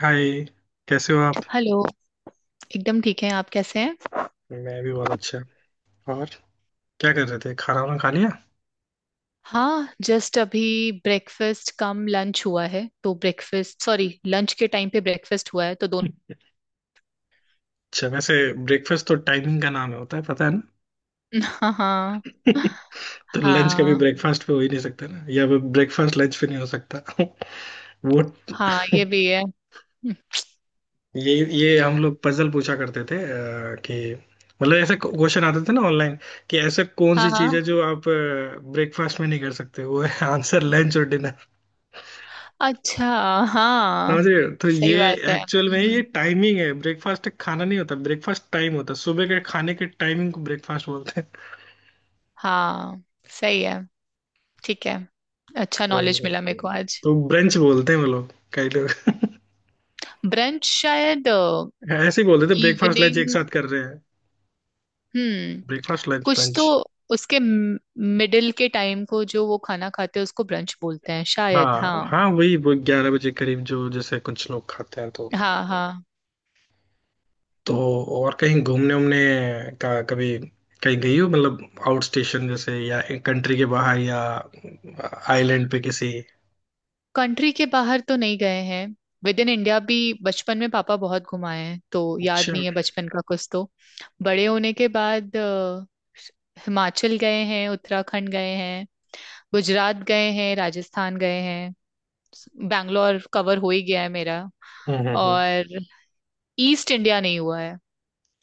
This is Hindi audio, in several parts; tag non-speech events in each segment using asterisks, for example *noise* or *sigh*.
हाय। कैसे हो आप? हेलो। एकदम ठीक है, आप कैसे हैं? मैं भी बहुत अच्छा। और क्या कर रहे थे, खाना वाना खा लिया? हाँ जस्ट अभी ब्रेकफास्ट कम लंच हुआ है, तो ब्रेकफास्ट सॉरी लंच के टाइम पे ब्रेकफास्ट हुआ है तो दोनों। अच्छा, वैसे ब्रेकफास्ट तो टाइमिंग का नाम होता है, पता है ना। हाँ हाँ। *laughs* तो लंच कभी हाँ ब्रेकफास्ट पे हो ही नहीं सकता ना, या ब्रेकफास्ट लंच पे नहीं हो सकता। *laughs* वो, हाँ ये भी है। ये ये हम लोग पजल पूछा करते थे कि मतलब ऐसे क्वेश्चन आते थे ना ऑनलाइन। कि ऐसे कौन हाँ सी चीज है हाँ। जो आप ब्रेकफास्ट में नहीं कर सकते वो है, *laughs* आंसर लंच। और अच्छा। हाँ समझ रहे हो? तो सही ये बात है। एक्चुअल में ये हम्म। टाइमिंग है, ब्रेकफास्ट खाना नहीं होता, ब्रेकफास्ट टाइम होता है। सुबह के खाने के टाइमिंग को ब्रेकफास्ट बोलते हैं। हाँ सही है। ठीक है। अच्छा नॉलेज तो, मिला मेरे को आज। तो ब्रंच बोलते हैं वो लोग, कई लोग। ब्रंच शायद। ऐसे ही बोलते थे, ब्रेकफास्ट लंच एक इवनिंग। साथ कर रहे हैं। हम्म। ब्रेकफास्ट, लंच, कुछ तो ब्रंच। उसके मिडिल के टाइम को जो वो खाना खाते हैं उसको ब्रंच बोलते हैं शायद। हाँ हाँ। हाँ, वही वो 11 बजे करीब जो जैसे कुछ लोग खाते हैं, तो। हाँ हाँ। तो और कहीं घूमने उमने का कभी कहीं गई हो, मतलब आउट स्टेशन जैसे, या कंट्री के बाहर, या आइलैंड पे किसी? कंट्री के बाहर तो नहीं गए हैं। विद इन इंडिया भी बचपन में पापा बहुत घुमाए हैं तो याद अच्छा। नहीं है बचपन का कुछ तो। बड़े होने के बाद हिमाचल गए हैं, उत्तराखंड गए हैं, गुजरात गए हैं, राजस्थान गए हैं। बैंगलोर कवर हो ही गया है मेरा। हम्म। और ईस्ट इंडिया नहीं हुआ है,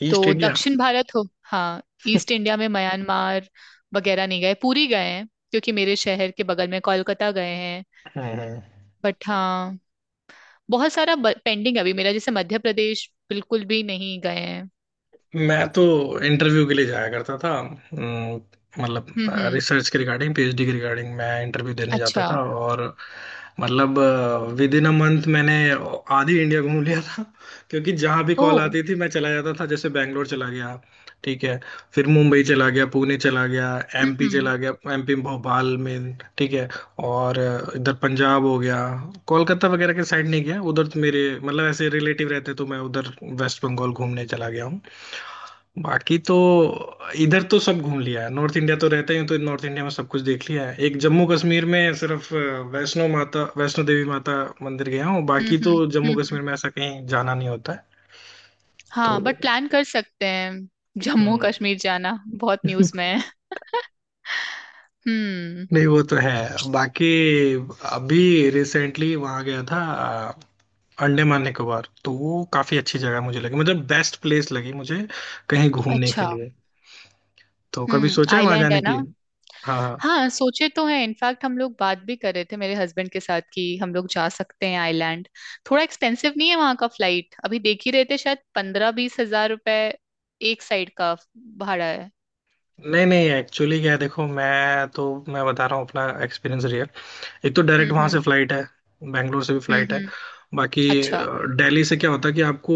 ईस्ट तो इंडिया? दक्षिण भारत हो। हाँ ईस्ट इंडिया में म्यांमार वगैरह नहीं गए, पुरी गए हैं क्योंकि मेरे शहर के बगल में कोलकाता गए हैं। हाँ हाँ। बट हाँ बहुत सारा पेंडिंग अभी मेरा, जैसे मध्य प्रदेश बिल्कुल भी नहीं गए हैं। मैं तो इंटरव्यू के लिए जाया करता था, मतलब हम्म। रिसर्च के रिगार्डिंग, PhD के रिगार्डिंग, मैं इंटरव्यू देने जाता अच्छा। था। और मतलब विद इन अ मंथ मैंने आधी इंडिया घूम लिया था, क्योंकि जहाँ भी कॉल ओ। आती थी मैं चला जाता था। जैसे बैंगलोर चला गया, ठीक है, फिर मुंबई चला गया, पुणे चला गया, MP हम्म। चला गया, एमपी भोपाल में, ठीक है। और इधर पंजाब हो गया। कोलकाता वगैरह के साइड नहीं गया उधर, तो मेरे मतलब ऐसे रिलेटिव रहते तो मैं उधर वेस्ट बंगाल घूमने चला गया। बाकी तो इधर तो सब घूम लिया है। नॉर्थ इंडिया तो रहते हैं तो नॉर्थ इंडिया में सब कुछ देख लिया है। एक जम्मू कश्मीर में सिर्फ वैष्णो माता, वैष्णो देवी माता मंदिर गया हूँ, बाकी तो हम्म। जम्मू हम्म, हम्म। कश्मीर में ऐसा कहीं जाना नहीं होता है। तो। हाँ बट प्लान कर सकते हैं। जम्मू हम्म। कश्मीर जाना बहुत न्यूज में *laughs* है। हम्म। नहीं, वो तो है। बाकी अभी रिसेंटली वहां गया था, अ, अंडमान निकोबार, तो वो काफी अच्छी जगह मुझे लगी, मतलब बेस्ट प्लेस लगी मुझे कहीं घूमने के अच्छा। लिए। तो कभी सोचा है वहां आइलैंड है जाने के ना। लिए? हाँ हाँ। हाँ सोचे तो है, इनफैक्ट हम लोग बात भी कर रहे थे मेरे हस्बैंड के साथ कि हम लोग जा सकते हैं आइलैंड। थोड़ा एक्सपेंसिव नहीं है वहाँ का फ्लाइट? अभी देख ही रहे थे, शायद 15-20 हजार रुपए एक साइड का भाड़ा है। नहीं नहीं, एक्चुअली क्या है देखो, मैं बता रहा हूँ अपना एक्सपीरियंस रियल। एक तो डायरेक्ट वहां हम्म। से फ्लाइट है, बैंगलोर से भी फ्लाइट है। हम्म। बाकी अच्छा। दिल्ली से क्या होता है कि आपको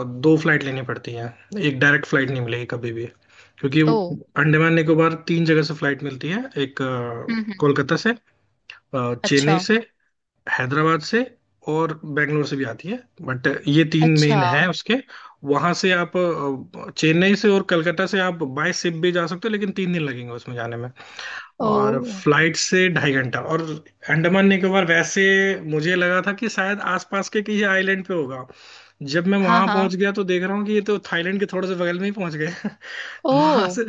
दो फ्लाइट लेनी पड़ती है, एक डायरेक्ट फ्लाइट नहीं मिलेगी कभी भी। क्योंकि वो ओ। अंडमान निकोबार तीन जगह से फ्लाइट मिलती है, एक हम्म। कोलकाता से, अच्छा चेन्नई से, हैदराबाद से, और बेंगलोर से भी आती है। बट ये तीन अच्छा। मेन है उसके। वहां से आप चेन्नई से और कलकत्ता से आप बाय शिप भी जा सकते हो, लेकिन 3 दिन लगेंगे उसमें जाने में। ओ। और फ्लाइट से 2.5 घंटा। और अंडमान निकोबार वैसे मुझे लगा था कि शायद आसपास के किसी आइलैंड पे होगा, जब मैं हाँ वहां हाँ। पहुंच गया तो देख रहा हूँ कि ये तो थाईलैंड के थोड़े से बगल में ही पहुंच गए। *laughs* वहां ओ। से,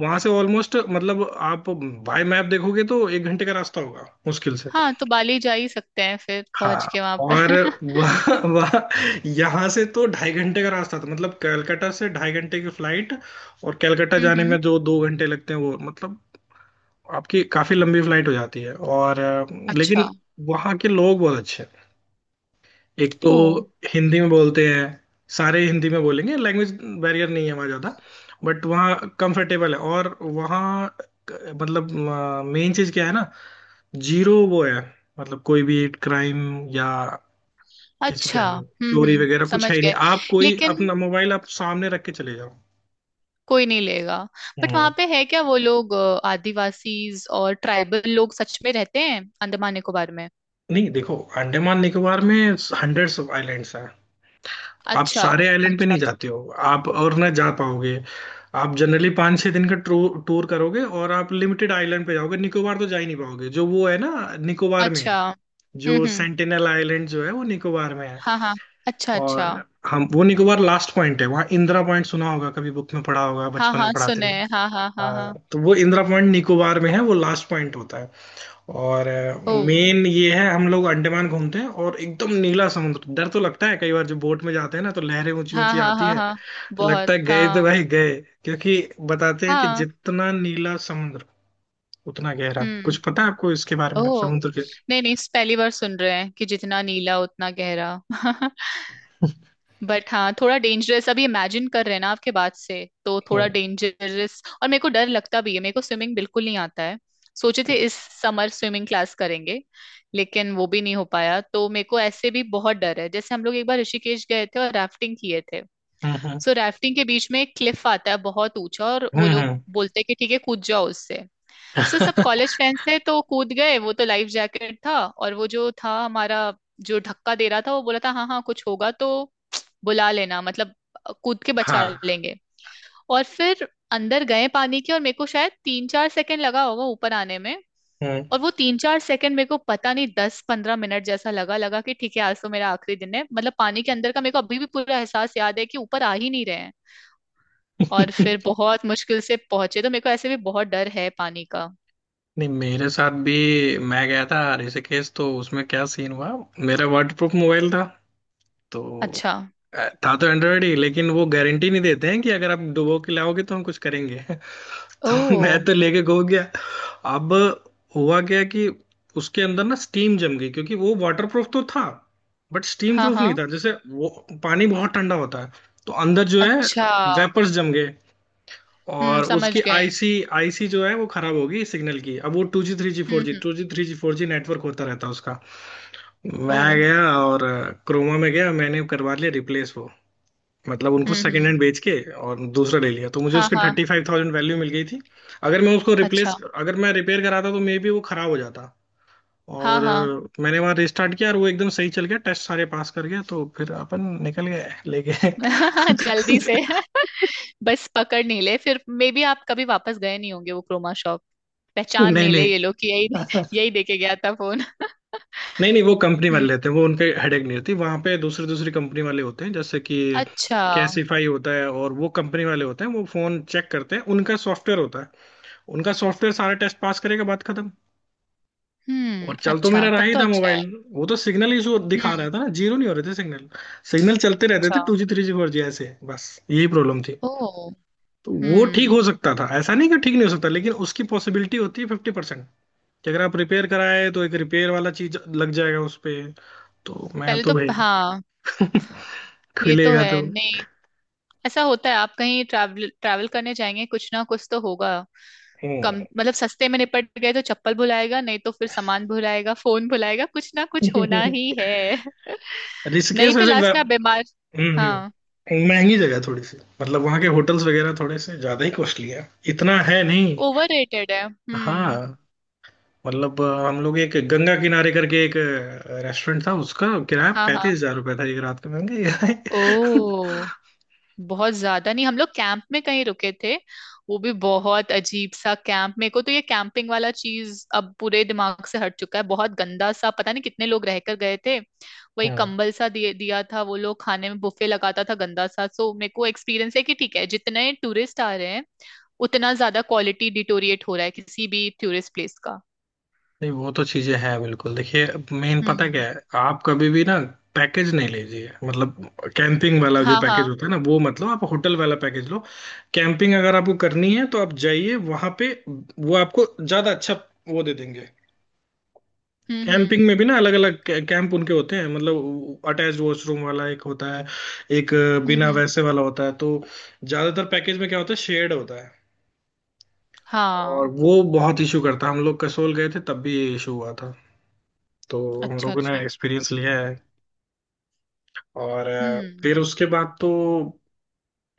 वहां से ऑलमोस्ट मतलब आप बाय मैप देखोगे तो 1 घंटे का रास्ता होगा मुश्किल से। हाँ तो बाली जा ही सकते हैं फिर पहुंच हाँ के वहां और पर *laughs* वह यहाँ से तो 2.5 घंटे का रास्ता था, मतलब कलकत्ता से 2.5 घंटे की फ्लाइट, और कलकत्ता जाने हम्म। में जो 2 घंटे लगते हैं वो मतलब आपकी काफी लंबी फ्लाइट हो जाती है। और अच्छा। लेकिन वहाँ के लोग बहुत अच्छे हैं। एक तो ओ। हिंदी में बोलते हैं, सारे हिंदी में बोलेंगे, लैंग्वेज बैरियर नहीं है वहाँ ज़्यादा। बट वहाँ कंफर्टेबल है, और वहाँ मतलब मेन चीज़ क्या है ना, जीरो वो है, मतलब कोई भी क्राइम या किसी कह अच्छा। लो चोरी वगैरह कुछ है समझ ही नहीं। गए। आप कोई लेकिन अपना मोबाइल आप सामने रख के चले जाओ। कोई नहीं लेगा। बट वहां हम्म। पे है क्या वो लोग आदिवासीज और ट्राइबल लोग सच में रहते हैं अंडमान निकोबार में? नहीं देखो, अंडमान निकोबार में हंड्रेड्स ऑफ आइलैंड्स हैं, आप अच्छा सारे आइलैंड पे अच्छा। नहीं अच्छा जाते हो, आप और ना जा पाओगे। आप जनरली 5-6 दिन का टूर टूर करोगे और आप लिमिटेड आइलैंड पे जाओगे, निकोबार तो जा ही नहीं पाओगे, जो वो है ना, निकोबार में अच्छा। है, जो हम्म। सेंटिनल आइलैंड जो है वो निकोबार में है। हाँ हाँ। अच्छा अच्छा। और हम वो निकोबार लास्ट पॉइंट है, वहाँ इंदिरा पॉइंट सुना होगा कभी, बुक में पढ़ा होगा हाँ बचपन में हाँ पढ़ाते सुने थे। हैं, हाँ हाँ हाँ हाँ हाँ। तो वो इंदिरा पॉइंट निकोबार में है, वो लास्ट पॉइंट होता है। और ओ। मेन ये है, हम लोग अंडमान घूमते हैं और एकदम नीला समुद्र। डर तो लगता है कई बार, जब बोट में जाते हैं ना तो लहरें ऊंची हाँ ऊंची हाँ आती हाँ है, हाँ। तो लगता बहुत है गए तो हाँ। भाई गए। क्योंकि बताते हैं कि हाँ। जितना नीला समुद्र उतना गहरा। कुछ हम्म। पता है आपको इसके बारे में, ओ। समुद्र के? नहीं नहीं, इस पहली बार सुन रहे हैं कि जितना नीला उतना गहरा *laughs* *laughs* बट हाँ थोड़ा डेंजरस, अभी इमेजिन कर रहे हैं ना आपके बात से तो थोड़ा हम्म डेंजरस, और मेरे को डर लगता भी है, मेरे को स्विमिंग बिल्कुल नहीं आता है। सोचे थे इस समर स्विमिंग क्लास करेंगे, लेकिन वो भी नहीं हो पाया। तो मेरे को ऐसे भी बहुत डर है, जैसे हम लोग एक बार ऋषिकेश गए थे और राफ्टिंग किए थे। हम्म। सो राफ्टिंग के बीच में एक क्लिफ आता है बहुत ऊंचा, और वो हम्म लोग हम्म, बोलते हैं कि ठीक है कूद जाओ उससे। सो सब हम्म। कॉलेज फ्रेंड्स थे तो कूद गए, वो तो लाइफ जैकेट था। और वो जो था हमारा, जो धक्का दे रहा था, वो बोला था हाँ हाँ कुछ होगा तो बुला लेना, मतलब कूद के *laughs* बचा हाँ। लेंगे। और फिर अंदर गए पानी के, और मेरे को शायद 3-4 सेकंड लगा होगा ऊपर आने में। और वो 3-4 सेकंड मेरे को पता नहीं 10-15 मिनट जैसा लगा, लगा कि ठीक है आज तो मेरा आखिरी दिन है। मतलब पानी के अंदर का मेरे को अभी भी पूरा एहसास याद है कि ऊपर आ ही नहीं रहे हैं। और हम्म। फिर *laughs* बहुत मुश्किल से पहुंचे, तो मेरे को ऐसे भी बहुत डर है पानी का। नहीं, मेरे साथ भी, मैं गया था ऋषिकेश तो उसमें क्या सीन हुआ, मेरा वाटर प्रूफ मोबाइल था। तो अच्छा। था तो एंड्रॉयड ही, लेकिन वो गारंटी नहीं देते हैं कि अगर आप डुबो के लाओगे तो हम कुछ करेंगे। *laughs* तो मैं ओ। तो लेके गो गया। अब हुआ क्या कि उसके अंदर ना स्टीम जम गई, क्योंकि वो वाटर प्रूफ तो था बट स्टीम हाँ प्रूफ नहीं हाँ। था। जैसे वो पानी बहुत ठंडा होता है, तो अंदर जो है अच्छा। वेपर्स जम गए, और समझ उसकी गए। आईसी आईसी जो है वो खराब होगी सिग्नल की। अब वो two G three G four जी हम्म। 2G 3G 4G नेटवर्क होता रहता है उसका। ओ। मैं गया और क्रोमा में गया, मैंने करवा लिया रिप्लेस वो, मतलब उनको सेकेंड हम्म। हैंड बेच के और दूसरा ले लिया, तो मुझे हाँ उसकी हाँ। 35,000 वैल्यू मिल गई थी। अच्छा। अगर मैं रिपेयर कराता तो मे बी वो खराब हो जाता, हाँ और हाँ। मैंने वहां रिस्टार्ट किया और वो एकदम सही चल गया, टेस्ट सारे पास कर गया, तो फिर अपन निकल गए लेके। *laughs* *laughs* जल्दी से *laughs* बस पकड़ नहीं ले फिर मे बी, आप कभी वापस गए नहीं होंगे वो क्रोमा शॉप, पहचान नहीं नहीं ले नहीं, ये लोग कि यही यही देके गया था फोन *laughs* नहीं नहीं, वो कंपनी वाले हम्म। लेते हैं वो, उनके हेडेक नहीं रहती, वहां पे दूसरी दूसरी कंपनी वाले होते हैं, जैसे कि अच्छा। कैसीफाई होता है और वो कंपनी वाले होते हैं, वो फोन चेक करते हैं, उनका सॉफ्टवेयर होता है। उनका सॉफ्टवेयर सारे टेस्ट पास करेगा, बात खत्म। और चल तो अच्छा मेरा रहा तब ही तो था अच्छा मोबाइल, है। वो तो सिग्नल इशू हम्म। दिखा रहा था ना, जीरो नहीं हो रहे थे सिग्नल, सिग्नल चलते रहते अच्छा। थे two G three G four G ऐसे बस। यही प्रॉब्लम थी। ओ। तो वो ठीक हम्म। हो सकता था, ऐसा नहीं कि ठीक नहीं हो सकता, लेकिन उसकी पॉसिबिलिटी होती है 50% कि अगर आप रिपेयर कराए तो एक रिपेयर वाला चीज लग जाएगा उस पे। तो मैं पहले तो तो भाई हाँ। *laughs* ये तो खुलेगा है तो। नहीं। ऐसा होता है, आप कहीं ट्रैवल ट्रैवल करने जाएंगे कुछ ना कुछ तो होगा। कम हम्म। मतलब सस्ते में निपट गए, तो चप्पल भुलाएगा, नहीं तो फिर सामान भुलाएगा, फोन भुलाएगा, कुछ ना कुछ होना ही *laughs* है। *laughs* नहीं ऋषिकेश तो वैसे लास्ट में आप बीमार। हाँ महंगी जगह है थोड़ी सी, मतलब वहाँ के होटल्स वगैरह थोड़े से ज्यादा ही कॉस्टली है। इतना है नहीं। ओवर रेटेड है। हम्म। हाँ मतलब हम लोग एक गंगा किनारे करके एक रेस्टोरेंट था, उसका किराया हाँ हाँ। 35,000 रुपये था 1 रात का। महंगा ही ओ। बहुत ज्यादा नहीं, हम लोग कैंप में कहीं रुके थे। वो भी बहुत अजीब सा कैंप, मेरे को तो ये कैंपिंग वाला चीज अब पूरे दिमाग से हट चुका है, बहुत गंदा सा, पता नहीं कितने लोग रहकर गए थे। वही है। *laughs* कंबल सा दिए दिया था वो लोग, खाने में बुफे लगाता था गंदा सा। सो मेरे को एक्सपीरियंस है कि ठीक है जितने टूरिस्ट आ रहे हैं उतना ज्यादा क्वालिटी डिटोरिएट हो रहा है किसी भी टूरिस्ट प्लेस का। नहीं, वो तो चीजें हैं बिल्कुल, देखिए मेन पता क्या हम्म। है, आप कभी भी ना पैकेज नहीं लीजिए, मतलब कैंपिंग वाला जो हाँ पैकेज हाँ। होता है ना वो, मतलब आप होटल वाला पैकेज लो। कैंपिंग अगर आपको करनी है तो आप जाइए वहां पे, वो आपको ज्यादा अच्छा वो दे देंगे। हम्म। कैंपिंग में भी ना अलग अलग कैंप उनके होते हैं, मतलब अटैच्ड वॉशरूम वाला एक होता है, एक हम्म बिना हम्म, वैसे वाला होता है। तो ज्यादातर पैकेज में क्या होता है, शेयर्ड होता है, और हाँ। वो बहुत इशू करता है। हम लोग कसोल गए थे तब भी ये इशू हुआ था, तो हम अच्छा लोगों ने अच्छा। एक्सपीरियंस लिया है। और हम्म फिर उसके बाद तो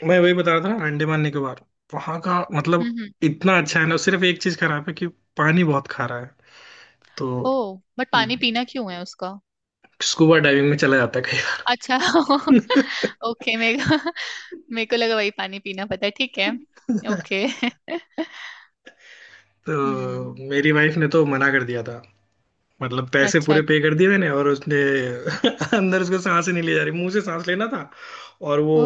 मैं वही बता रहा था, अंडे मारने के बाद वहां का मतलब हम्म। इतना अच्छा है ना, सिर्फ एक चीज खराब है कि पानी बहुत खारा है। तो ओ। बट पानी पीना क्यों है उसका? स्कूबा डाइविंग में चला जाता है अच्छा कई बार। *laughs* ओके, मेरे को, मेरे को लगा वही पानी पीना, पता है ठीक है। ओके *laughs* *laughs* तो हम्म। मेरी वाइफ ने तो मना कर दिया था, मतलब पैसे अच्छा। पूरे पे कर दिए मैंने और उसने। *laughs* अंदर उसको सांस ही नहीं ले जा रही, मुंह से सांस लेना था और वो ओ।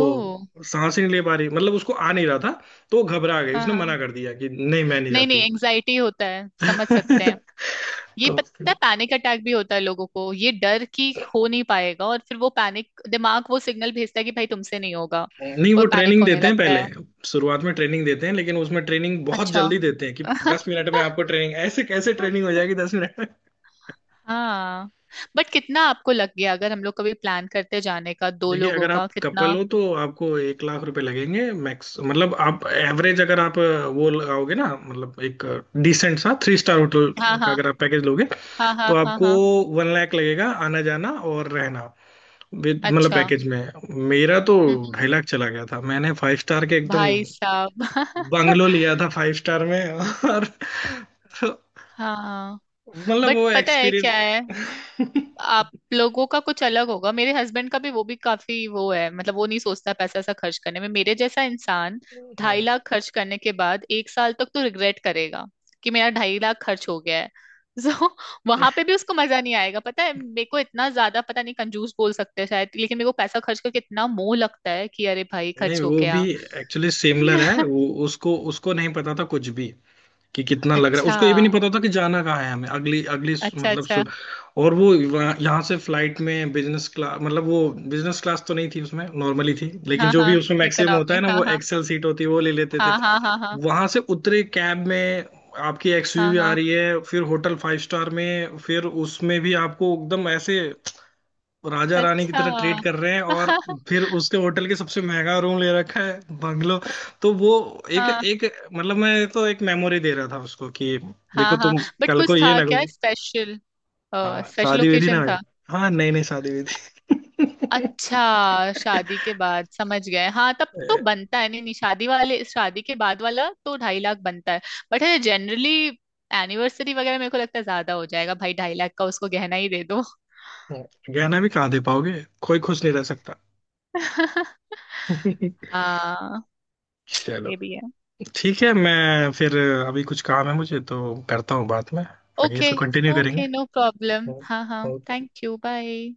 सांस ही नहीं ले पा रही, मतलब उसको आ नहीं रहा था, तो वो घबरा गई हाँ उसने हाँ। मना कर दिया कि नहीं मैं नहीं नहीं नहीं जाती। एंजाइटी होता है, समझ सकते हैं। *laughs* ये तो पता है फिर- पैनिक अटैक भी होता है लोगों को, ये डर कि हो नहीं पाएगा, और फिर वो पैनिक दिमाग वो सिग्नल भेजता है कि भाई तुमसे नहीं होगा, नहीं, वो वो पैनिक ट्रेनिंग होने देते हैं लगता है। पहले, शुरुआत में ट्रेनिंग देते हैं, लेकिन उसमें ट्रेनिंग बहुत अच्छा जल्दी देते हैं कि *laughs* 10 मिनट में आपको ट्रेनिंग, ऐसे कैसे ट्रेनिंग हो जाएगी 10 मिनट। हाँ बट कितना आपको लग गया? अगर हम लोग कभी प्लान करते जाने का, दो देखिए लोगों अगर का आप कपल कितना? हो तो आपको 1 लाख रुपए लगेंगे मैक्स, मतलब आप एवरेज अगर आप वो लगाओगे ना, मतलब एक डिसेंट सा 3 स्टार होटल हाँ का हाँ। अगर आप पैकेज लोगे हाँ हाँ। तो हाँ आपको हाँ। 1 लाख लगेगा, आना जाना और रहना विद मतलब अच्छा। पैकेज में। मेरा तो हम्म हम्म, ढाई लाख चला गया था, मैंने 5 स्टार के एकदम भाई साहब बंगलो *laughs* लिया था 5 स्टार में। और *laughs* तो हाँ मतलब बट वो पता है एक्सपीरियंस। क्या है, आप लोगों का कुछ अलग होगा, मेरे हस्बैंड का भी वो भी काफी वो है, मतलब वो नहीं सोचता पैसा ऐसा खर्च करने में, मेरे जैसा इंसान ढाई *laughs* लाख खर्च करने के बाद एक साल तक तो रिग्रेट करेगा कि मेरा 2.5 लाख खर्च हो गया है। *laughs* सो वहां पे भी उसको मजा नहीं आएगा, पता है मेरे को इतना ज्यादा, पता नहीं कंजूस बोल सकते हैं शायद, लेकिन मेरे को पैसा खर्च करके इतना मोह लगता है कि अरे भाई नहीं खर्च हो वो भी गया। एक्चुअली सिमिलर है, *laughs* वो, उसको उसको नहीं पता था कुछ भी, कि कितना लग रहा है, अच्छा उसको ये भी नहीं पता था कि जाना कहाँ है हमें अगली अगली सु- अच्छा। मतलब अच्छा। सु, और वो वहाँ- यहाँ से फ्लाइट में बिजनेस क्लास, मतलब वो बिजनेस क्लास तो नहीं थी, उसमें नॉर्मली थी, लेकिन हाँ जो हाँ भी उसमें मैक्सिमम होता है ना इकोनॉमिक हाँ वो हाँ, एक्सेल सीट होती है, वो ले लेते थे। हाँ हाँ हाँ। वहां से उतरे, कैब में आपकी हाँ SUV हाँ। आ हाँ रही है, फिर होटल 5 स्टार में, फिर उसमें भी आपको एकदम ऐसे राजा रानी की अच्छा तरह ट्रीट कर रहे हैं, और *laughs* फिर उसके होटल के सबसे महंगा रूम ले रखा है, बंगलो। तो वो एक हाँ। एक, मतलब मैं तो एक मेमोरी दे रहा था उसको कि हाँ देखो हाँ तुम बट कल कुछ को ये था ना क्या करो। स्पेशल? हाँ, स्पेशल शादी विधि ना ओकेजन होगी। था? हाँ नहीं नहीं, शादी विधि। *laughs* अच्छा शादी के बाद, समझ गए, हाँ तब तो बनता है, नहीं नहीं शादी वाले, शादी के बाद वाला तो 2.5 लाख बनता है। बट है जनरली एनिवर्सरी वगैरह मेरे को लगता है ज्यादा हो जाएगा भाई 2.5 लाख का, उसको गहना ही दे दो। गहना भी कहाँ दे पाओगे, कोई खुश नहीं रह सकता। *laughs* *laughs* हाँ चलो ये भी है। ठीक है। मैं फिर अभी कुछ काम है मुझे तो करता हूँ, बाद में आगे ओके, इसको कंटिन्यू करेंगे। ओके नो प्रॉब्लम, हाँ हाँ। ओके। Thank you bye.